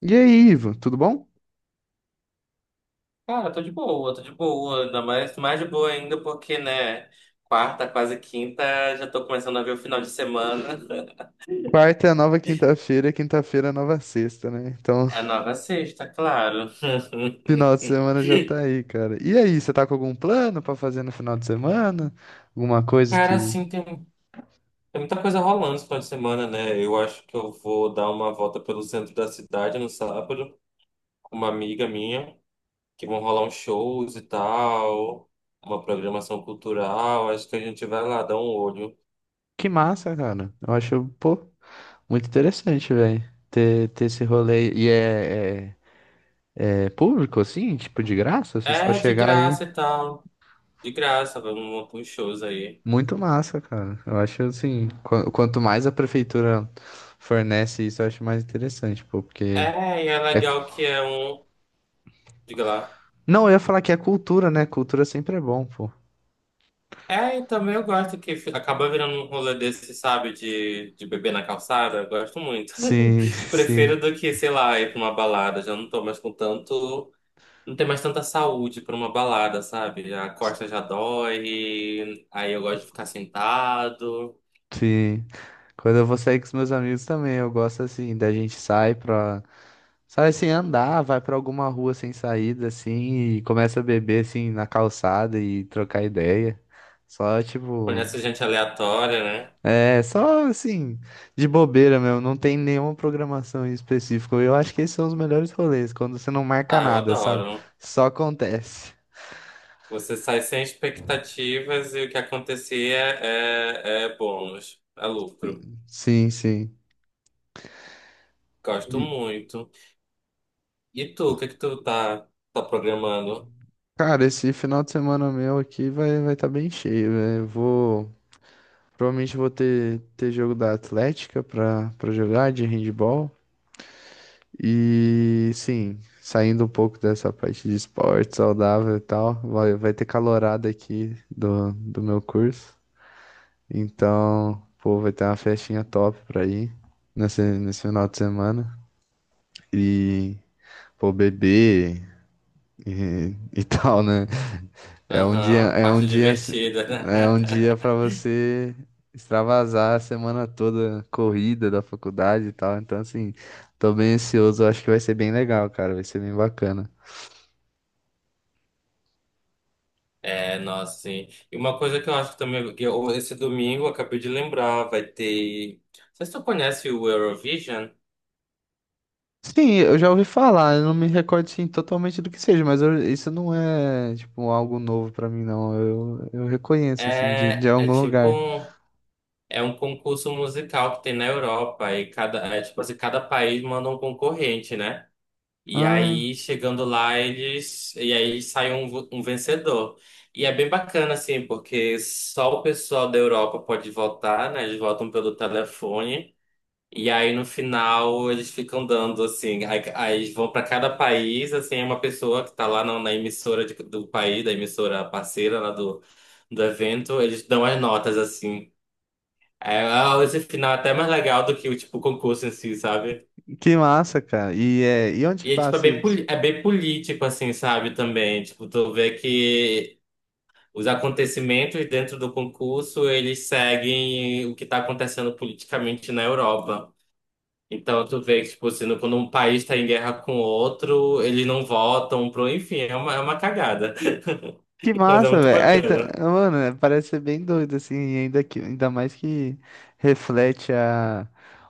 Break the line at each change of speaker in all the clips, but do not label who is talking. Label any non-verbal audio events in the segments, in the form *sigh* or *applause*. E aí, Ivo, tudo bom?
Cara, tô de boa, ainda mais de boa ainda porque, né, quarta, quase quinta, já tô começando a ver o final de semana. *laughs*
Quarta é a nova quinta-feira, quinta-feira é a nova sexta, né? Então,
É a
*laughs*
nova sexta, claro.
final de
*laughs*
semana já tá aí, cara. E aí, você tá com algum plano pra fazer no final de semana? Alguma coisa
Cara,
que.
assim, tem muita coisa rolando esse final de semana, né? Eu acho que eu vou dar uma volta pelo centro da cidade no sábado com uma amiga minha, que vão rolar uns shows e tal, uma programação cultural. Acho que a gente vai lá dar um olho.
Que massa, cara. Eu acho, pô, muito interessante, velho. Ter esse rolê. E é público, assim? Tipo, de graça? Você só
É, de
chegar aí.
graça e tal. De graça, vamos para os shows aí.
Muito massa, cara. Eu acho, assim, quanto mais a prefeitura fornece isso, eu acho mais interessante, pô, porque.
É, e é
É.
legal que é um. Diga lá.
Não, eu ia falar que é cultura, né? Cultura sempre é bom, pô.
É, e também eu gosto que acaba virando um rolê desse, sabe, de beber na calçada. Eu gosto muito.
Sim, *laughs*
*laughs*
sim,
Prefiro do que, sei lá, ir pra uma balada. Já não tô mais com tanto. Não tem mais tanta saúde pra uma balada, sabe? A costa já dói, aí eu gosto de ficar sentado.
sim. Quando eu vou sair com os meus amigos também, eu gosto assim, da gente sai pra. Sai assim, andar, vai pra alguma rua sem saída, assim, e começa a beber, assim, na calçada e trocar ideia. Só, tipo.
Conhece gente aleatória, né?
É, só assim, de bobeira mesmo, não tem nenhuma programação em específico. Eu acho que esses são os melhores rolês, quando você não marca
Ah, eu
nada, sabe?
adoro.
Só acontece.
Você sai sem expectativas e o que acontecer é, bônus, é lucro.
Sim, sim.
Gosto muito. E tu, o que que tu tá programando?
Cara, esse final de semana meu aqui vai estar bem cheio, velho. Eu vou provavelmente vou ter jogo da Atlética pra para jogar de handball e sim, saindo um pouco dessa parte de esporte saudável e tal, vai ter calorada aqui do meu curso. Então, pô, vai ter uma festinha top pra ir nesse final de semana e pô, beber e *laughs* tal, né?
Aham,
É um
parte
dia, assim-
divertida.
é um dia para
*laughs*
você extravasar a semana toda corrida da faculdade e tal. Então, assim, tô bem ansioso. Acho que vai ser bem legal, cara. Vai ser bem bacana.
É, nossa, sim. E uma coisa que eu acho que também, esse domingo, eu acabei de lembrar, vai ter. Não sei se tu conhece o Eurovision.
Sim, eu já ouvi falar. Eu não me recordo, sim, totalmente do que seja, mas eu- isso não é, tipo, algo novo pra mim, não. Eu reconheço, assim, de
É
algum lugar.
é um concurso musical que tem na Europa e é tipo assim, cada país manda um concorrente, né? E
Ah,
aí, chegando lá, eles. E aí sai um vencedor. E é bem bacana, assim, porque só o pessoal da Europa pode votar, né? Eles votam pelo telefone. E aí, no final, eles ficam dando, assim. Aí eles vão para cada país, assim, é uma pessoa que tá lá na emissora do país, da emissora parceira lá do evento, eles dão as notas, assim. É, ah, esse final é até mais legal do que o tipo concurso em si, sabe?
que massa, cara. E, é, e onde que
E, é, tipo,
passa isso?
é bem político, assim, sabe, também. Tipo, tu vê que os acontecimentos dentro do concurso, eles seguem o que está acontecendo politicamente na Europa. Então, tu vê que, tipo, assim, quando um país está em guerra com outro, eles não votam pro... Enfim, é uma cagada.
Que
*laughs* Mas é
massa,
muito
velho. Ah, então,
bacana.
mano, é, parece ser bem doido, assim, e ainda, que, ainda mais que reflete a,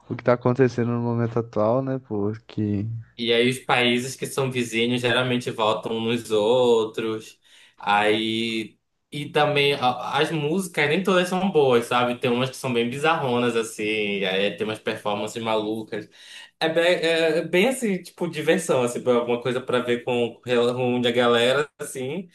o que tá acontecendo no momento atual, né, pô? Que,
E aí os países que são vizinhos geralmente votam uns nos outros. Aí e também as músicas nem todas são boas, sabe? Tem umas que são bem bizarronas assim, aí tem umas performances malucas. É bem assim, tipo diversão, assim, alguma coisa pra ver com a galera assim,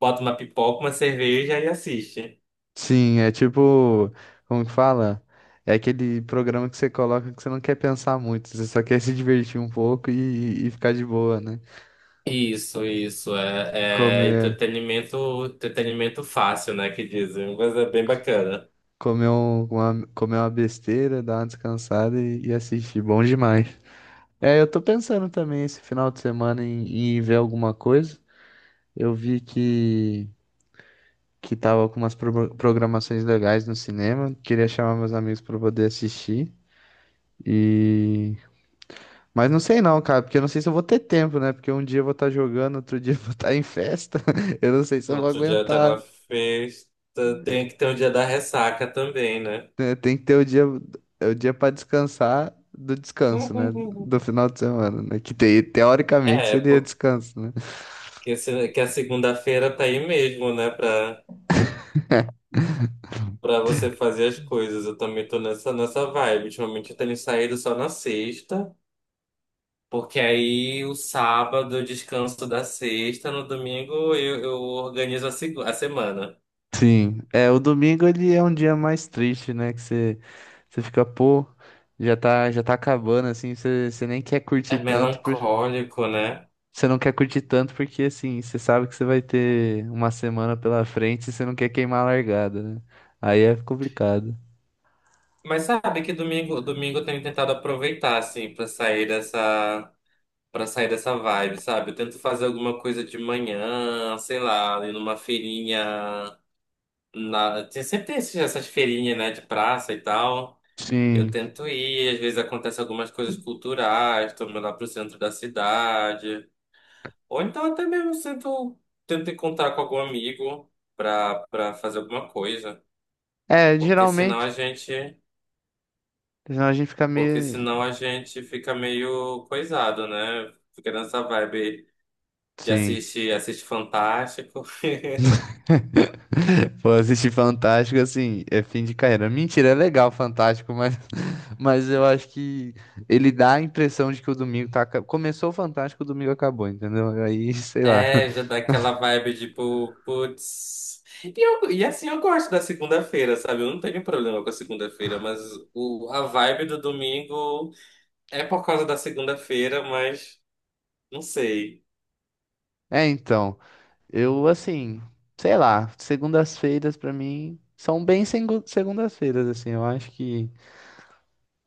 bota uma pipoca, uma cerveja e assiste.
sim, é tipo, como que fala? É aquele programa que você coloca que você não quer pensar muito, você só quer *laughs* se divertir um pouco e ficar de boa, né?
Isso é
Comer,
entretenimento fácil, né, que dizem, mas é bem bacana.
comer uma besteira, dar uma descansada e assistir. Bom demais. É, eu tô pensando também esse final de semana em ver alguma coisa. Eu vi que tava com umas programações legais no cinema. Queria chamar meus amigos pra poder assistir. E. Mas não sei não, cara, porque eu não sei se eu vou ter tempo, né? Porque um dia eu vou estar jogando, outro dia eu vou estar em festa. *laughs* Eu não sei se
No
eu vou
outro dia tá
aguentar.
na festa, tem que ter o dia da ressaca também, né?
Né? Tem que ter o dia para descansar do descanso, né?
*laughs*
Do final de semana, né? Que teoricamente
É,
seria
porque
descanso, né?
que a segunda-feira tá aí mesmo, né? Pra você fazer as coisas. Eu também tô nessa vibe. Ultimamente eu tenho saído só na sexta, porque aí o sábado eu descanso da sexta, no domingo eu organizo a semana.
Sim, é, o domingo ele é um dia mais triste, né? Que você, você fica, pô, já tá acabando, assim, você nem quer
É
curtir tanto, por,
melancólico, né?
você não quer curtir tanto porque, assim, você sabe que você vai ter uma semana pela frente e você não quer queimar a largada, né? Aí é complicado.
Mas sabe que domingo, domingo eu tenho tentado aproveitar, assim, pra sair dessa. Pra sair dessa vibe, sabe? Eu tento fazer alguma coisa de manhã, sei lá, ir numa feirinha. Sempre tem essas feirinhas, né, de praça e tal. Eu
Sim,
tento ir, às vezes acontece algumas coisas culturais, tô indo lá pro centro da cidade. Ou então até mesmo tento encontrar com algum amigo pra fazer alguma coisa.
é,
Porque senão a
geralmente,
gente,
senão a gente fica
porque
meio...
senão a gente fica meio coisado, né? Fica nessa vibe. Já
Sim.
assiste Fantástico. *laughs*
Pô, assistir Fantástico, assim, é fim de carreira. Mentira, é legal Fantástico, mas, *laughs* mas eu acho que ele dá a impressão de que o domingo tá. Começou o Fantástico, o domingo acabou, entendeu? Aí, *laughs* sei lá.
É, já dá aquela vibe tipo, putz. E assim, eu gosto da segunda-feira, sabe? Eu não tenho problema com a segunda-feira, mas a vibe do domingo é por causa da segunda-feira, mas não sei.
É, então, eu, assim, sei lá, segundas-feiras pra mim são bem segundas-feiras, assim, eu acho que.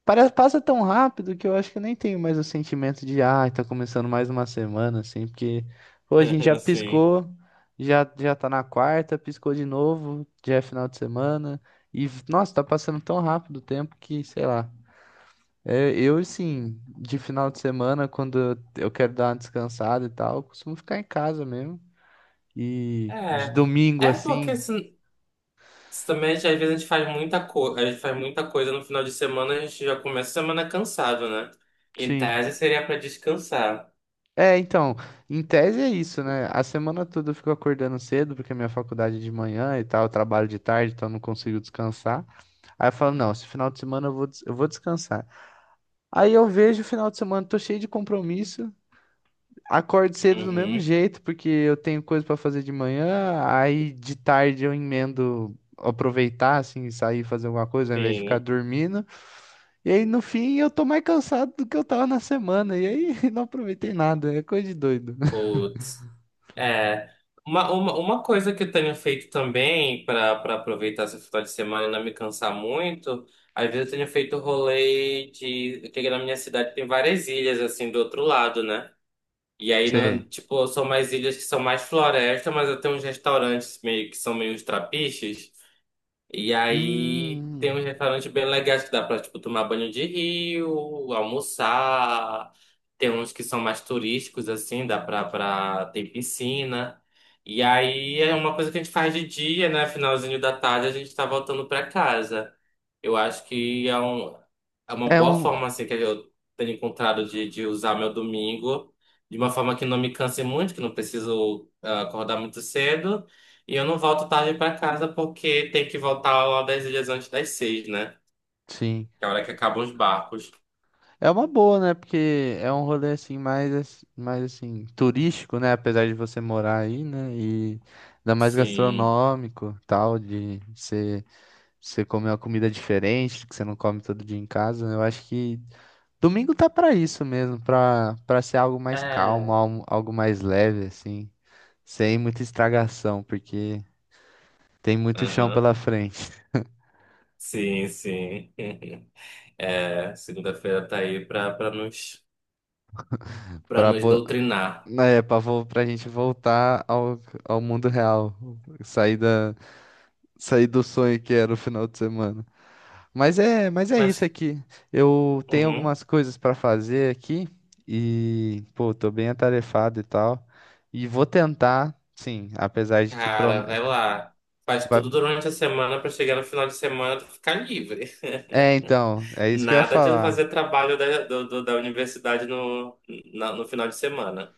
Parece, passa tão rápido que eu acho que eu nem tenho mais o sentimento de, ah, tá começando mais uma semana, assim, porque pô, a gente já
*laughs* Assim.
piscou, já tá na quarta, piscou de novo, já é final de semana, e, nossa, tá passando tão rápido o tempo que, sei lá. É, eu, assim, de final de semana, quando eu quero dar uma descansada e tal, eu costumo ficar em casa mesmo. E de
É.
domingo,
É porque
assim,
assim, também às vezes a gente faz muita coisa, a gente faz muita coisa no final de semana, a gente já começa a semana cansado, né? Em
sim.
tese seria pra descansar.
É, então, em tese é isso, né? A semana toda eu fico acordando cedo, porque a minha faculdade é de manhã e tal, eu trabalho de tarde, então eu não consigo descansar. Aí eu falo, não, esse final de semana eu vou, eu vou descansar. Aí eu vejo o final de semana, tô cheio de compromisso, acordo cedo do mesmo
Uhum.
jeito, porque eu tenho coisa pra fazer de manhã, aí de tarde eu emendo aproveitar, assim, sair e fazer alguma coisa, ao invés de ficar
Sim.
dormindo. E aí no fim eu tô mais cansado do que eu tava na semana, e aí *laughs* não aproveitei nada, é coisa de doido. *laughs*
Putz. É, uma coisa que eu tenho feito também para aproveitar esse final de semana e não me cansar muito, às vezes eu tenho feito rolê de. Porque na minha cidade tem várias ilhas, assim, do outro lado, né? E aí,
Sim.
não, tipo, são mais ilhas que são mais floresta, mas eu tenho uns restaurantes meio que são meio os trapiches. E aí
Hum,
tem uns restaurantes bem legais que dá pra, tipo, tomar banho de rio, almoçar. Tem uns que são mais turísticos, assim, dá pra, pra ter piscina. E aí é uma coisa que a gente faz de dia, né? Finalzinho da tarde a gente tá voltando pra casa. Eu acho que é uma
é
boa
um,
forma, assim, que eu tenho encontrado de usar meu domingo de uma forma que não me canse muito, que não preciso acordar muito cedo. E eu não volto tarde pra casa porque tem que voltar lá das ilhas antes das 6, né?
sim,
Que é a hora que acabam os barcos.
é uma boa, né? Porque é um rolê assim mais, mais assim turístico, né? Apesar de você morar aí, né? E ainda mais
Sim.
gastronômico, tal, de você comer uma comida diferente que você não come todo dia em casa. Né? Eu acho que domingo tá pra isso mesmo, pra para ser algo mais calmo,
É.
algo mais leve, assim, sem muita estragação, porque tem muito chão
Aham.
pela frente.
Sim, sim. *laughs* É, segunda-feira tá aí pra, pra nos, pra
Pra,
nos
bo...
doutrinar.
é, pra, vo... pra gente voltar ao, ao mundo real. Sair da... Sair do sonho que era o final de semana. Mas é
Mas,
isso aqui. Eu tenho
uhum,
algumas coisas para fazer aqui e, pô, tô bem atarefado e tal. E vou tentar, sim, apesar de que prom...
cara, vai lá. Faz tudo
vai-
durante a semana pra chegar no final de semana tu ficar livre.
É, então, é
*laughs*
isso que eu ia
Nada de
falar.
fazer trabalho da universidade no final de semana.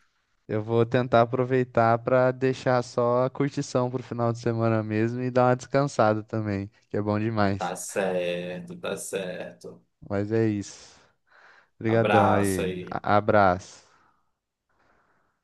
Eu vou tentar aproveitar para deixar só a curtição pro final de semana mesmo e dar uma descansada também, que é bom demais.
Tá certo, tá certo.
Mas é isso. Obrigadão
Abraça
aí.
e
A- Abraço.